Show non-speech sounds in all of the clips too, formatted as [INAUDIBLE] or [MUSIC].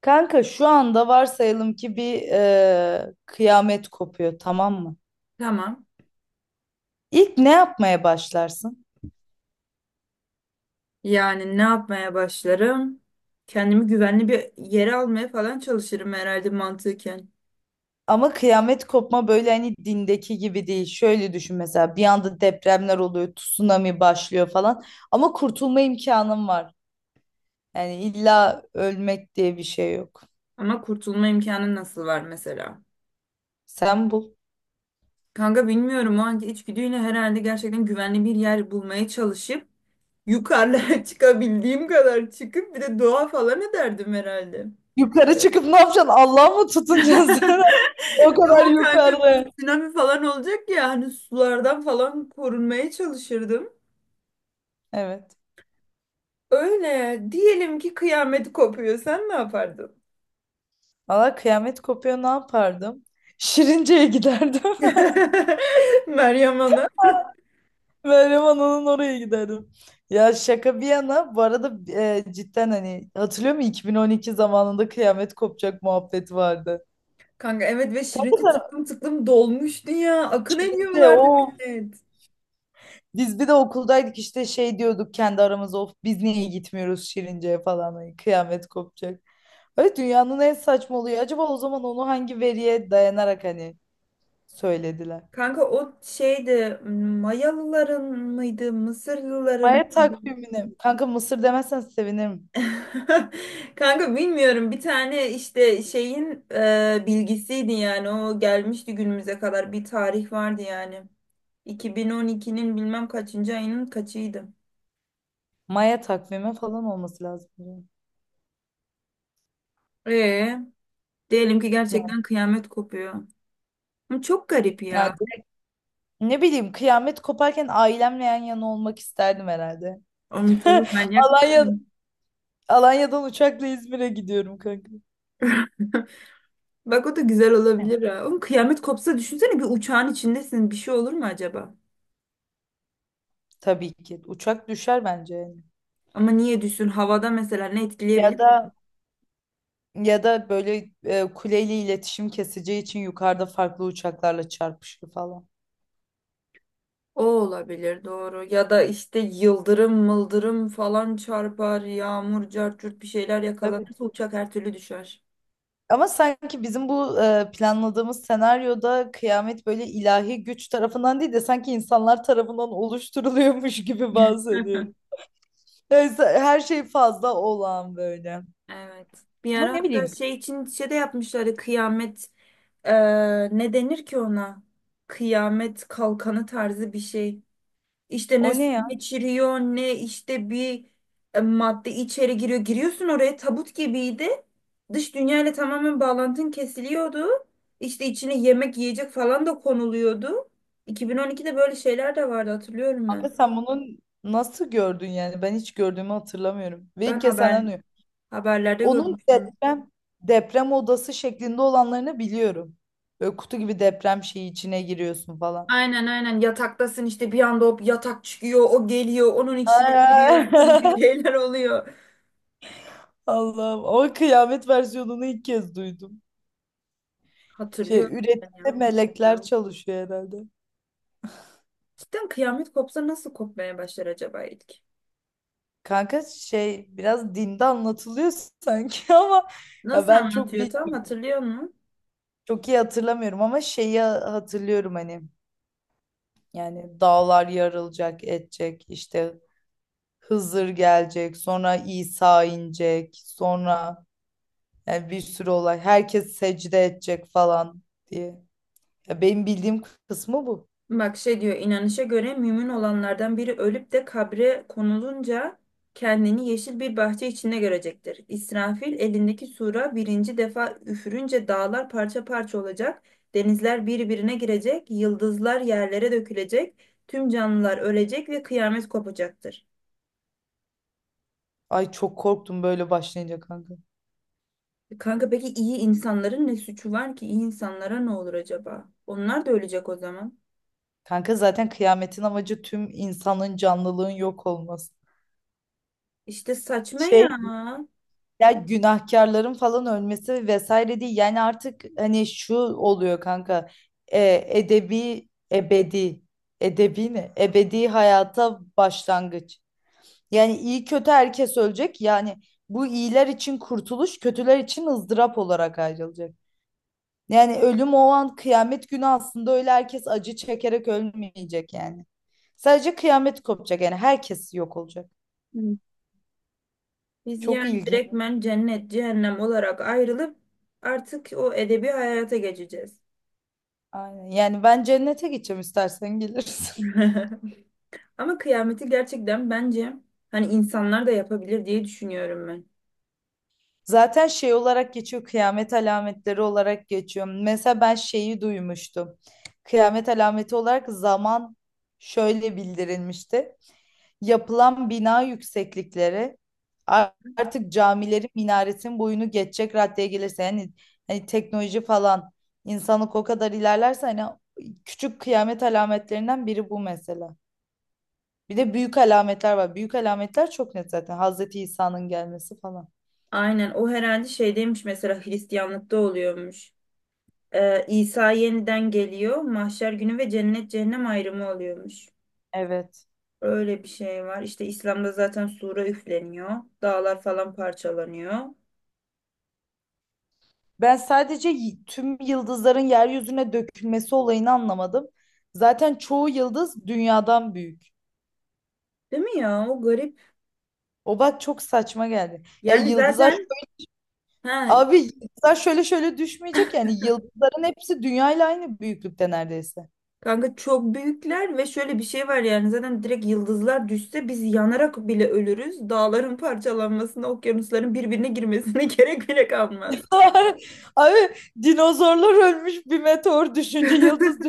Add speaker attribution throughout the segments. Speaker 1: Kanka şu anda varsayalım ki bir kıyamet kopuyor, tamam mı?
Speaker 2: Tamam.
Speaker 1: İlk ne yapmaya başlarsın?
Speaker 2: Yani ne yapmaya başlarım? Kendimi güvenli bir yere almaya falan çalışırım herhalde mantıken.
Speaker 1: Ama kıyamet kopma böyle hani dindeki gibi değil. Şöyle düşün, mesela bir anda depremler oluyor, tsunami başlıyor falan. Ama kurtulma imkanın var. Yani illa ölmek diye bir şey yok.
Speaker 2: Ama kurtulma imkanı nasıl var mesela?
Speaker 1: Sen bul.
Speaker 2: Kanka bilmiyorum, o anki içgüdüyle herhalde gerçekten güvenli bir yer bulmaya çalışıp yukarılara [LAUGHS] çıkabildiğim kadar çıkıp bir de doğa falan ederdim herhalde.
Speaker 1: Yukarı çıkıp ne yapacaksın? Allah'a mı tutunacaksın
Speaker 2: [LAUGHS]
Speaker 1: sen? [LAUGHS] O kadar
Speaker 2: Yok kanka,
Speaker 1: yukarı.
Speaker 2: tsunami falan olacak ya, hani sulardan falan korunmaya çalışırdım.
Speaker 1: Evet.
Speaker 2: Öyle diyelim ki kıyamet kopuyor, sen ne yapardın?
Speaker 1: Valla kıyamet kopuyor, ne yapardım? Şirince'ye giderdim. [LAUGHS]
Speaker 2: [LAUGHS] Meryem Ana.
Speaker 1: Meryem onun oraya giderdim. Ya şaka bir yana, bu arada cidden hani hatırlıyor musun, 2012 zamanında kıyamet kopacak muhabbeti vardı.
Speaker 2: Kanka evet, ve
Speaker 1: Kanka
Speaker 2: Şirince
Speaker 1: sen
Speaker 2: tıklım tıklım dolmuştu ya. Akın
Speaker 1: önce
Speaker 2: ediyorlardı
Speaker 1: o,
Speaker 2: millet.
Speaker 1: biz bir de okuldaydık işte, şey diyorduk kendi aramızda, of biz niye gitmiyoruz Şirince'ye falan, hani kıyamet kopacak. Öyle dünyanın en saçma oluyor. Acaba o zaman onu hangi veriye dayanarak hani söylediler?
Speaker 2: Kanka o şeydi, Mayalıların mıydı Mısırlıların
Speaker 1: Maya
Speaker 2: mıydı?
Speaker 1: takvimine. Kanka Mısır demezsen sevinirim.
Speaker 2: [LAUGHS] Kanka bilmiyorum, bir tane işte şeyin bilgisiydi yani, o gelmişti günümüze kadar, bir tarih vardı yani. 2012'nin bilmem kaçıncı ayının kaçıydı.
Speaker 1: Maya takvimi falan olması lazım. Yani
Speaker 2: Ee, Diyelim ki gerçekten kıyamet kopuyor. Ama çok garip ya.
Speaker 1: yani ne bileyim, kıyamet koparken ailemle yan yana olmak isterdim herhalde.
Speaker 2: Onu
Speaker 1: [LAUGHS]
Speaker 2: tabii, manyak
Speaker 1: Alanya,
Speaker 2: mısın?
Speaker 1: Alanya'dan uçakla İzmir'e gidiyorum kanka.
Speaker 2: [LAUGHS] Bak o da güzel olabilir ha. Oğlum kıyamet kopsa düşünsene, bir uçağın içindesin. Bir şey olur mu acaba?
Speaker 1: Tabii ki. Uçak düşer bence yani.
Speaker 2: Ama niye düşsün? Havada mesela ne
Speaker 1: Ya
Speaker 2: etkileyebilir?
Speaker 1: da, ya da böyle kuleyle iletişim keseceği için yukarıda farklı uçaklarla çarpışır falan.
Speaker 2: O olabilir, doğru. Ya da işte yıldırım mıldırım falan çarpar. Yağmur cart curt bir şeyler
Speaker 1: Tabii.
Speaker 2: yakalanırsa uçak her türlü düşer.
Speaker 1: Ama sanki bizim bu planladığımız senaryoda kıyamet böyle ilahi güç tarafından değil de sanki insanlar tarafından oluşturuluyormuş gibi
Speaker 2: [LAUGHS]
Speaker 1: bahsediyorum. Yani her şey fazla olağan böyle.
Speaker 2: Evet. Bir
Speaker 1: Ama
Speaker 2: ara
Speaker 1: ne
Speaker 2: hatta
Speaker 1: bileyim,
Speaker 2: şey için şey de yapmışlardı. Kıyamet ne denir ki ona? Kıyamet kalkanı tarzı bir şey. İşte
Speaker 1: o
Speaker 2: ne
Speaker 1: ne
Speaker 2: su
Speaker 1: ya?
Speaker 2: geçiriyor ne işte bir madde içeri giriyor. Giriyorsun oraya, tabut gibiydi. Dış dünyayla tamamen bağlantın kesiliyordu. İşte içine yemek yiyecek falan da konuluyordu. 2012'de böyle şeyler de vardı, hatırlıyorum
Speaker 1: Kanka
Speaker 2: ben.
Speaker 1: sen bunun nasıl gördün yani? Ben hiç gördüğümü hatırlamıyorum. Ve
Speaker 2: Ben
Speaker 1: ilk kez senden
Speaker 2: haber
Speaker 1: duyuyorum.
Speaker 2: Haberlerde
Speaker 1: Onun
Speaker 2: görmüştüm.
Speaker 1: deprem odası şeklinde olanlarını biliyorum. Böyle kutu gibi, deprem şeyi içine giriyorsun falan.
Speaker 2: Aynen aynen, yataktasın işte, bir anda o yatak çıkıyor, o geliyor, onun içine giriyorsun, bir
Speaker 1: [LAUGHS]
Speaker 2: şeyler oluyor.
Speaker 1: Allah'ım, o kıyamet versiyonunu ilk kez duydum. Şey
Speaker 2: Hatırlıyorum ben
Speaker 1: üretimde
Speaker 2: ya.
Speaker 1: melekler çalışıyor herhalde.
Speaker 2: Cidden kıyamet kopsa nasıl kopmaya başlar acaba ilk?
Speaker 1: Kanka şey, biraz dinde anlatılıyor sanki [LAUGHS] ama ya
Speaker 2: Nasıl
Speaker 1: ben
Speaker 2: anlatıyor, tam hatırlıyor musun?
Speaker 1: çok iyi hatırlamıyorum ama şeyi hatırlıyorum hani. Yani dağlar yarılacak, edecek, işte Hızır gelecek, sonra İsa inecek, sonra yani bir sürü olay. Herkes secde edecek falan diye. Ya benim bildiğim kısmı bu.
Speaker 2: Bak şey diyor, inanışa göre mümin olanlardan biri ölüp de kabre konulunca kendini yeşil bir bahçe içinde görecektir. İsrafil elindeki sura birinci defa üfürünce dağlar parça parça olacak, denizler birbirine girecek, yıldızlar yerlere dökülecek, tüm canlılar ölecek ve kıyamet kopacaktır.
Speaker 1: Ay çok korktum böyle başlayınca kanka.
Speaker 2: E kanka, peki iyi insanların ne suçu var ki? İyi insanlara ne olur acaba? Onlar da ölecek o zaman.
Speaker 1: Kanka zaten kıyametin amacı tüm insanın, canlılığın yok olması.
Speaker 2: İşte saçma
Speaker 1: Şey,
Speaker 2: ya.
Speaker 1: ya günahkarların falan ölmesi vesaire değil. Yani artık hani şu oluyor kanka. Edebi, ebedi. Edebi ne? Ebedi hayata başlangıç. Yani iyi kötü herkes ölecek. Yani bu iyiler için kurtuluş, kötüler için ızdırap olarak ayrılacak. Yani ölüm o an, kıyamet günü, aslında öyle herkes acı çekerek ölmeyecek yani. Sadece kıyamet kopacak, yani herkes yok olacak.
Speaker 2: Biz
Speaker 1: Çok
Speaker 2: yani
Speaker 1: ilginç.
Speaker 2: direktmen cennet cehennem olarak ayrılıp artık o edebi hayata geçeceğiz.
Speaker 1: Aynen. Yani ben cennete gideceğim, istersen gelirsin.
Speaker 2: [LAUGHS] Ama kıyameti gerçekten bence hani insanlar da yapabilir diye düşünüyorum ben.
Speaker 1: Zaten şey olarak geçiyor, kıyamet alametleri olarak geçiyor. Mesela ben şeyi duymuştum. Kıyamet alameti olarak zaman şöyle bildirilmişti. Yapılan bina yükseklikleri artık camilerin minaretin boyunu geçecek raddeye gelirse, yani hani teknoloji falan, insanlık o kadar ilerlerse, hani küçük kıyamet alametlerinden biri bu mesela. Bir de büyük alametler var. Büyük alametler çok net zaten. Hazreti İsa'nın gelmesi falan.
Speaker 2: Aynen, o herhalde şeydeymiş mesela, Hristiyanlıkta oluyormuş. İsa yeniden geliyor, mahşer günü ve cennet cehennem ayrımı oluyormuş.
Speaker 1: Evet.
Speaker 2: Öyle bir şey var. İşte İslam'da zaten sura üfleniyor, dağlar falan parçalanıyor.
Speaker 1: Ben sadece tüm yıldızların yeryüzüne dökülmesi olayını anlamadım. Zaten çoğu yıldız dünyadan büyük.
Speaker 2: Değil mi ya? O garip.
Speaker 1: O bak çok saçma geldi. E
Speaker 2: Yani
Speaker 1: yıldızlar
Speaker 2: zaten ha,
Speaker 1: abi, yıldızlar şöyle şöyle düşmeyecek, yani yıldızların hepsi dünyayla aynı büyüklükte neredeyse.
Speaker 2: kanka çok büyükler ve şöyle bir şey var yani, zaten direkt yıldızlar düşse biz yanarak bile ölürüz. Dağların parçalanmasına, okyanusların birbirine girmesine [LAUGHS] gerek bile kalmaz.
Speaker 1: [LAUGHS] Abi, dinozorlar ölmüş bir meteor düşünce, yıldız
Speaker 2: [LAUGHS]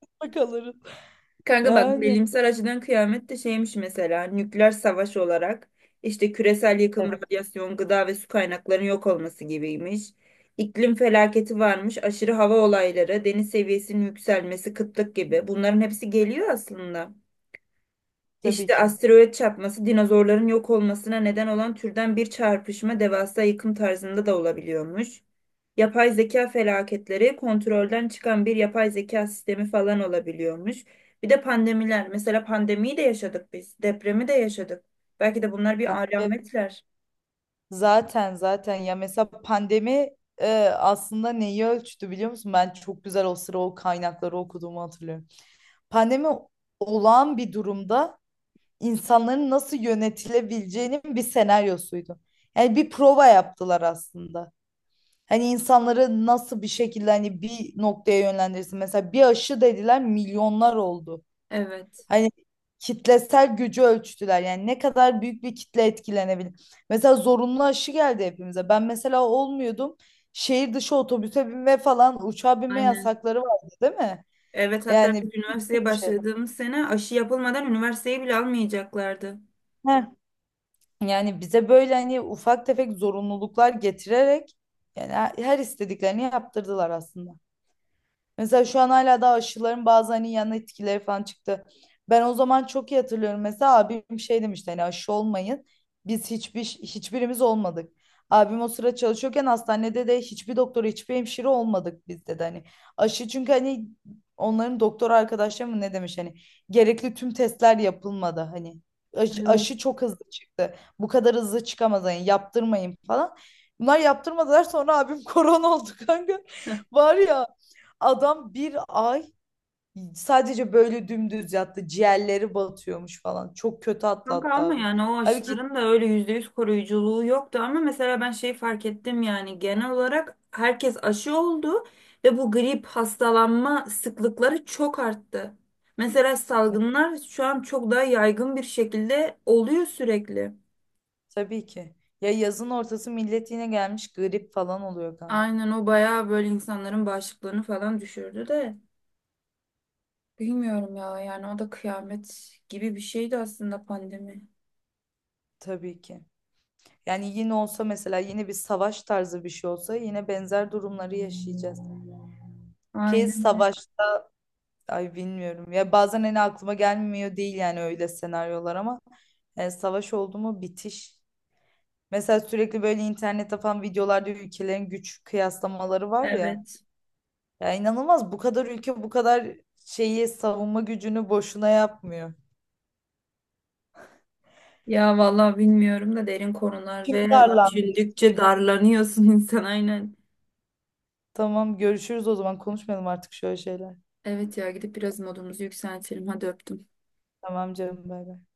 Speaker 1: düşünce kalırız.
Speaker 2: Kanka bak,
Speaker 1: Yani.
Speaker 2: bilimsel açıdan kıyamet de şeymiş mesela, nükleer savaş olarak işte küresel yıkım,
Speaker 1: Evet,
Speaker 2: radyasyon, gıda ve su kaynaklarının yok olması gibiymiş. İklim felaketi varmış, aşırı hava olayları, deniz seviyesinin yükselmesi, kıtlık gibi. Bunların hepsi geliyor aslında.
Speaker 1: tabii
Speaker 2: İşte
Speaker 1: ki.
Speaker 2: asteroid çarpması, dinozorların yok olmasına neden olan türden bir çarpışma, devasa yıkım tarzında da olabiliyormuş. Yapay zeka felaketleri, kontrolden çıkan bir yapay zeka sistemi falan olabiliyormuş. Bir de pandemiler. Mesela pandemiyi de yaşadık biz. Depremi de yaşadık. Belki de bunlar bir alametler.
Speaker 1: Zaten ya mesela pandemi e, aslında neyi ölçtü biliyor musun? Ben çok güzel o sıra o kaynakları okuduğumu hatırlıyorum. Pandemi, olağan bir durumda insanların nasıl yönetilebileceğinin bir senaryosuydu. Yani bir prova yaptılar aslında. Hani insanları nasıl bir şekilde, hani bir noktaya yönlendirirsin. Mesela bir aşı dediler, milyonlar oldu.
Speaker 2: Evet.
Speaker 1: Hani kitlesel gücü ölçtüler. Yani ne kadar büyük bir kitle etkilenebilir. Mesela zorunlu aşı geldi hepimize. Ben mesela olmuyordum. Şehir dışı otobüse binme falan, uçağa binme
Speaker 2: Aynen.
Speaker 1: yasakları vardı değil mi?
Speaker 2: Evet, hatta
Speaker 1: Yani
Speaker 2: biz
Speaker 1: bir
Speaker 2: üniversiteye
Speaker 1: sürü şey.
Speaker 2: başladığımız sene aşı yapılmadan üniversiteyi bile almayacaklardı.
Speaker 1: Heh. Yani bize böyle hani ufak tefek zorunluluklar getirerek yani her istediklerini yaptırdılar aslında. Mesela şu an hala daha aşıların bazı hani yan etkileri falan çıktı. Ben o zaman çok iyi hatırlıyorum. Mesela abim şey demişti, hani aşı olmayın. Biz hiçbirimiz olmadık. Abim o sıra çalışıyorken hastanede de hiçbir doktor, hiçbir hemşire olmadık biz dedi hani. Aşı çünkü hani onların doktor arkadaşları mı ne demiş hani, gerekli tüm testler yapılmadı hani. Aşı,
Speaker 2: Evet.
Speaker 1: aşı çok hızlı çıktı. Bu kadar hızlı çıkamaz hani, yaptırmayın falan. Bunlar yaptırmadılar, sonra abim [LAUGHS] korona oldu kanka. [LAUGHS] Var ya, adam bir ay sadece böyle dümdüz yattı. Ciğerleri batıyormuş falan. Çok kötü
Speaker 2: Kanka
Speaker 1: atlattı
Speaker 2: ama
Speaker 1: abi.
Speaker 2: yani o
Speaker 1: Halbuki
Speaker 2: aşıların da öyle %100 koruyuculuğu yoktu, ama mesela ben şeyi fark ettim, yani genel olarak herkes aşı oldu ve bu grip hastalanma sıklıkları çok arttı. Mesela salgınlar şu an çok daha yaygın bir şekilde oluyor sürekli.
Speaker 1: tabii ki. Ya yazın ortası millet yine gelmiş grip falan oluyor kanka.
Speaker 2: Aynen, o bayağı böyle insanların bağışıklığını falan düşürdü de, bilmiyorum ya yani, o da kıyamet gibi bir şeydi aslında pandemi.
Speaker 1: Tabii ki. Yani yine olsa, mesela yine bir savaş tarzı bir şey olsa, yine benzer durumları yaşayacağız. Ki
Speaker 2: Aynen öyle.
Speaker 1: savaş, ay bilmiyorum. Ya bazen hani aklıma gelmiyor değil yani, öyle senaryolar ama yani savaş oldu mu bitiş. Mesela sürekli böyle internette falan videolarda ülkelerin güç kıyaslamaları var ya.
Speaker 2: Evet.
Speaker 1: Ya inanılmaz, bu kadar ülke bu kadar şeyi, savunma gücünü boşuna yapmıyor.
Speaker 2: Ya vallahi bilmiyorum da, derin konular
Speaker 1: Kim
Speaker 2: ve
Speaker 1: darlandı?
Speaker 2: düşündükçe
Speaker 1: Kim?
Speaker 2: darlanıyorsun [LAUGHS] insan, aynen.
Speaker 1: Tamam, görüşürüz o zaman, konuşmayalım artık şöyle şeyler.
Speaker 2: Evet ya, gidip biraz modumuzu yükseltelim. Hadi öptüm.
Speaker 1: Tamam canım, bay bay.